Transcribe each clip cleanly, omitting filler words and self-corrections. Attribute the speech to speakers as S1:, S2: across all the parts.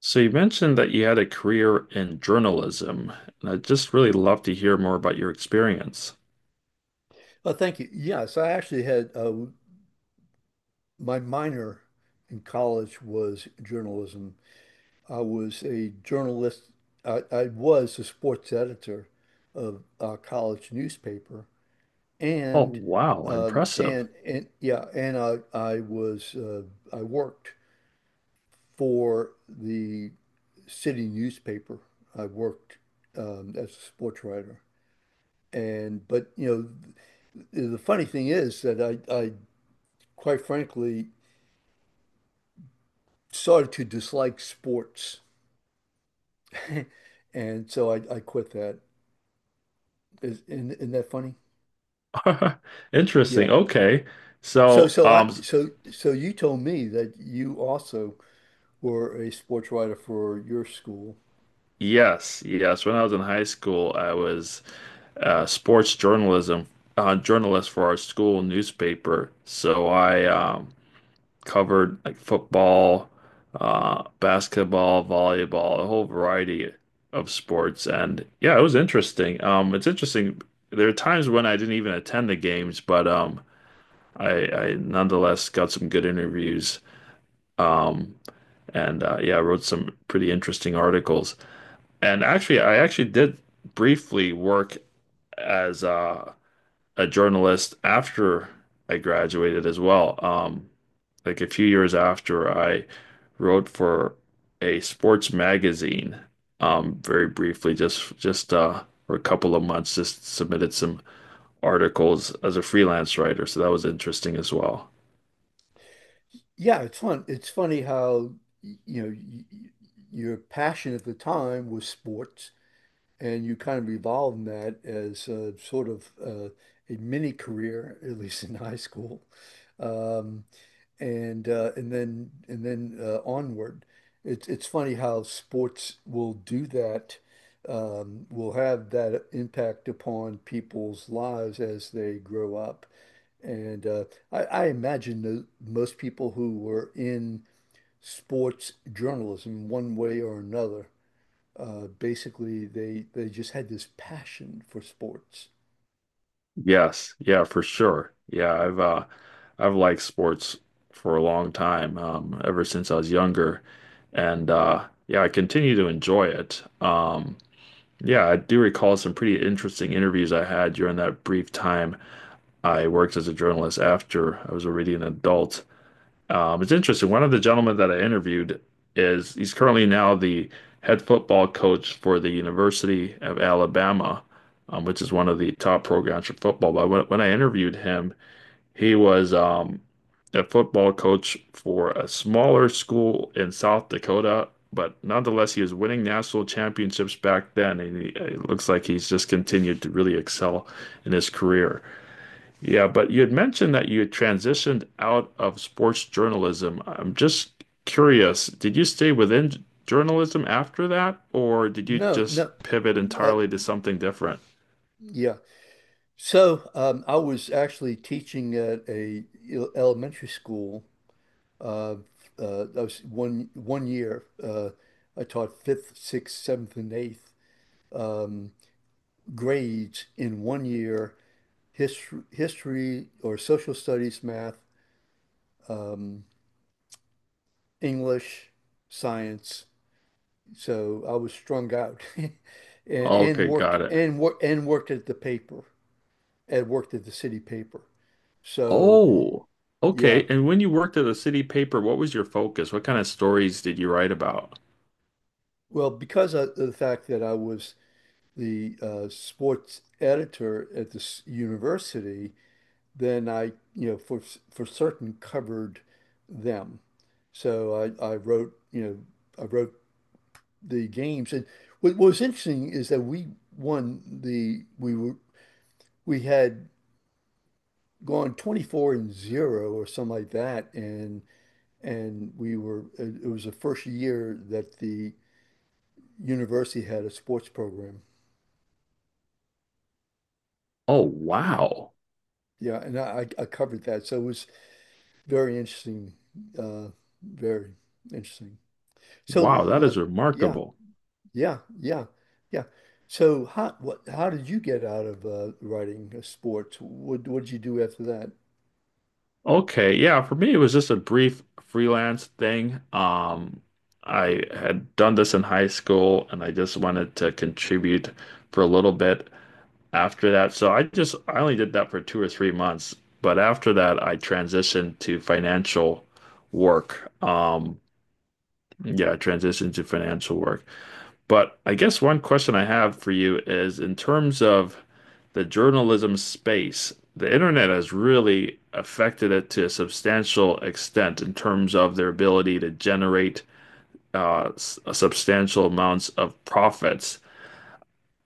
S1: So you mentioned that you had a career in journalism, and I'd just really love to hear more about your experience.
S2: Oh, thank you. Yes, I actually had my minor in college was journalism. I was a journalist. I was the sports editor of a college newspaper,
S1: Oh,
S2: and
S1: wow,
S2: um,
S1: impressive.
S2: and and yeah, and I was I worked for the city newspaper. I worked as a sports writer, and but the funny thing is that I quite frankly started to dislike sports, and so I quit that. Is, Isn't that funny? Yeah.
S1: Interesting. Okay.
S2: So
S1: So,
S2: so I
S1: um,
S2: so so you told me that you also were a sports writer for your school.
S1: yes, yes. When I was in high school, I was sports journalism journalist for our school newspaper. So I covered like football, basketball, volleyball, a whole variety of sports. And yeah, it was interesting. It's interesting. There are times when I didn't even attend the games, but I nonetheless got some good interviews. Um, and yeah, I wrote some pretty interesting articles. And actually, I actually did briefly work as a journalist after I graduated as well. Like a few years after I wrote for a sports magazine, very briefly, just for a couple of months, just submitted some articles as a freelance writer. So that was interesting as well.
S2: Yeah, it's fun. It's funny how y- you know y y- your passion at the time was sports, and you kind of evolved in that as a sort of a mini career, at least in high school. Um, and then onward. It's funny how sports will do that, will have that impact upon people's lives as they grow up. And I imagine that most people who were in sports journalism, one way or another, basically they just had this passion for sports.
S1: Yes, yeah, for sure. Yeah, I've liked sports for a long time, ever since I was younger, and yeah, I continue to enjoy it. Yeah, I do recall some pretty interesting interviews I had during that brief time I worked as a journalist after I was already an adult. It's interesting. One of the gentlemen that I interviewed is he's currently now the head football coach for the University of Alabama, which is one of the top programs for football. But when I interviewed him, he was a football coach for a smaller school in South Dakota. But nonetheless, he was winning national championships back then, and he, it looks like he's just continued to really excel in his career. Yeah, but you had mentioned that you had transitioned out of sports journalism. I'm just curious, did you stay within journalism after that, or did you
S2: No,
S1: just
S2: no,
S1: pivot
S2: uh,
S1: entirely to something different?
S2: yeah. So I was actually teaching at a elementary school. Uh, I was one year. I taught fifth, sixth, seventh, and eighth um, grades in one year. History or social studies, math, um, English, science. So I was strung out, and and
S1: Okay,
S2: worked
S1: got it.
S2: and worked and worked at the paper and worked at the city paper. So.
S1: Oh,
S2: Yeah.
S1: okay. And when you worked at the city paper, what was your focus? What kind of stories did you write about?
S2: Well, because of the fact that I was the sports editor at this university, then I, you know, for certain covered them. So I wrote, you know, I wrote the games, and what was interesting is that we won the we were we had gone 24-0 or something like that, and we were it it was the first year that the university had a sports program.
S1: Oh, wow.
S2: Yeah, and I covered that. So it was very interesting. Uh, very interesting. So
S1: Wow, that
S2: let,
S1: is
S2: yeah,
S1: remarkable.
S2: yeah, yeah, yeah. So how what how did you get out of writing sports? What did you do after that?
S1: Okay, yeah, for me it was just a brief freelance thing. I had done this in high school and I just wanted to contribute for a little bit after that. So I only did that for 2 or 3 months, but after that I transitioned to financial work. Yeah, I transitioned to financial work. But I guess one question I have for you is in terms of the journalism space, the internet has really affected it to a substantial extent in terms of their ability to generate substantial amounts of profits.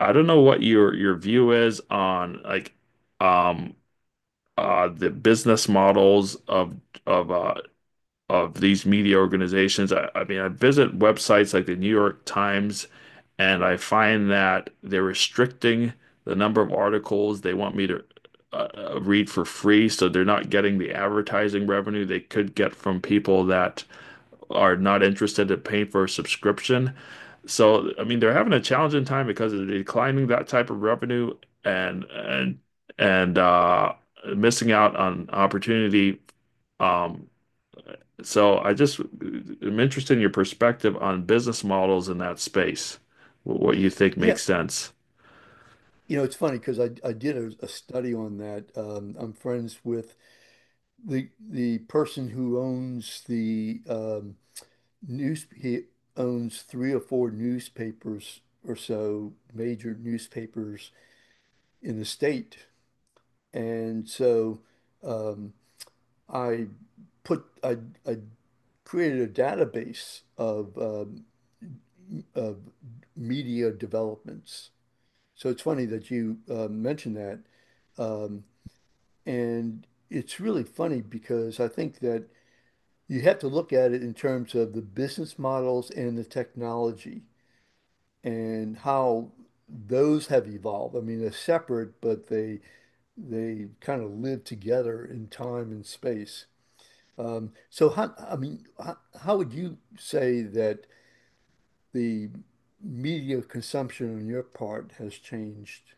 S1: I don't know what your view is on like um, the business models of of these media organizations. I mean, I visit websites like the New York Times and I find that they're restricting the number of articles they want me to uh, read for free. So they're not getting the advertising revenue they could get from people that are not interested in paying for a subscription. So, I mean, they're having a challenging time because they're declining that type of revenue and, and, and missing out on opportunity. Um, so I just am interested in your perspective on business models in that space, what you think
S2: Yeah,
S1: makes sense.
S2: you know, it's funny because I did a study on that. I'm friends with the person who owns the news. He owns three or four newspapers or so, major newspapers in the state. And so um, I put I, I created a database of of media developments. So it's funny that you mentioned that, um, and it's really funny because I think that you have to look at it in terms of the business models and the technology and how those have evolved. I mean, they're separate, but they kind of live together in time and space. So how, I mean, how would you say that the media consumption on your part has changed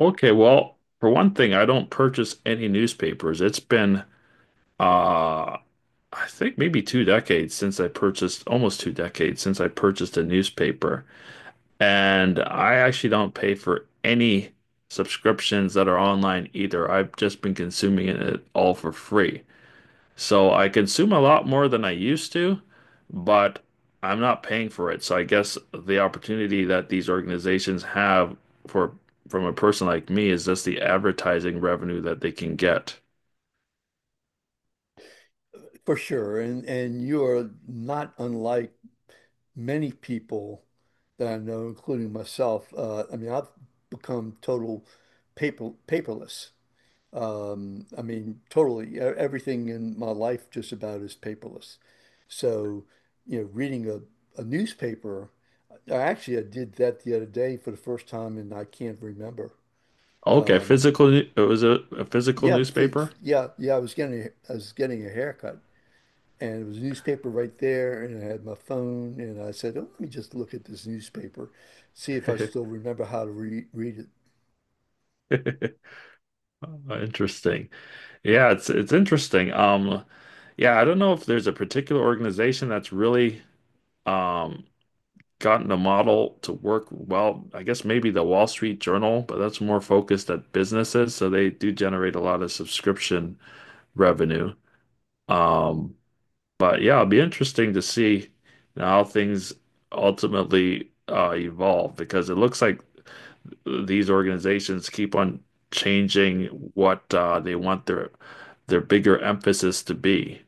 S1: Okay, well, for one thing, I don't purchase any newspapers. It's been, uh, I think maybe two decades since I purchased, almost two decades since I purchased a newspaper. And I actually don't pay for any subscriptions that are online either. I've just been consuming it all for free. So I consume a lot more than I used to, but I'm not paying for it. So I guess the opportunity that these organizations have for from a person like me is just the advertising revenue that they can get.
S2: for sure? And you're not unlike many people that I know, including myself. I mean, I've become total paperless. I mean, totally. Everything in my life just about is paperless. So, you know, reading a newspaper, I did that the other day for the first time, and I can't remember.
S1: Okay,
S2: Um,
S1: physical, it was a physical newspaper.
S2: yeah. I was getting a haircut, and it was a newspaper right there, and I had my phone, and I said, "Oh, let me just look at this newspaper, see if I still remember how to read it."
S1: Interesting. Yeah, it's interesting. Yeah, I don't know if there's a particular organization that's really um gotten a model to work well. I guess maybe the Wall Street Journal, but that's more focused at businesses, so they do generate a lot of subscription revenue. Um, but yeah, it'll be interesting to see how things ultimately evolve because it looks like these organizations keep on changing what they want their bigger emphasis to be.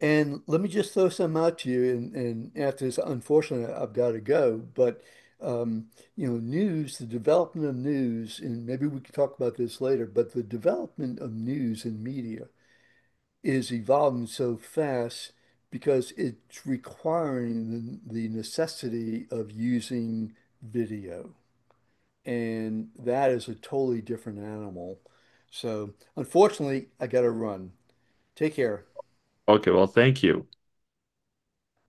S2: And let me just throw some out to you. And after this, unfortunately, I've got to go. But, um, you know, news, the development of news, and maybe we can talk about this later, but the development of news and media is evolving so fast because it's requiring the necessity of using video. And that is a totally different animal. So, unfortunately, I got to run. Take care.
S1: Okay, well, thank you.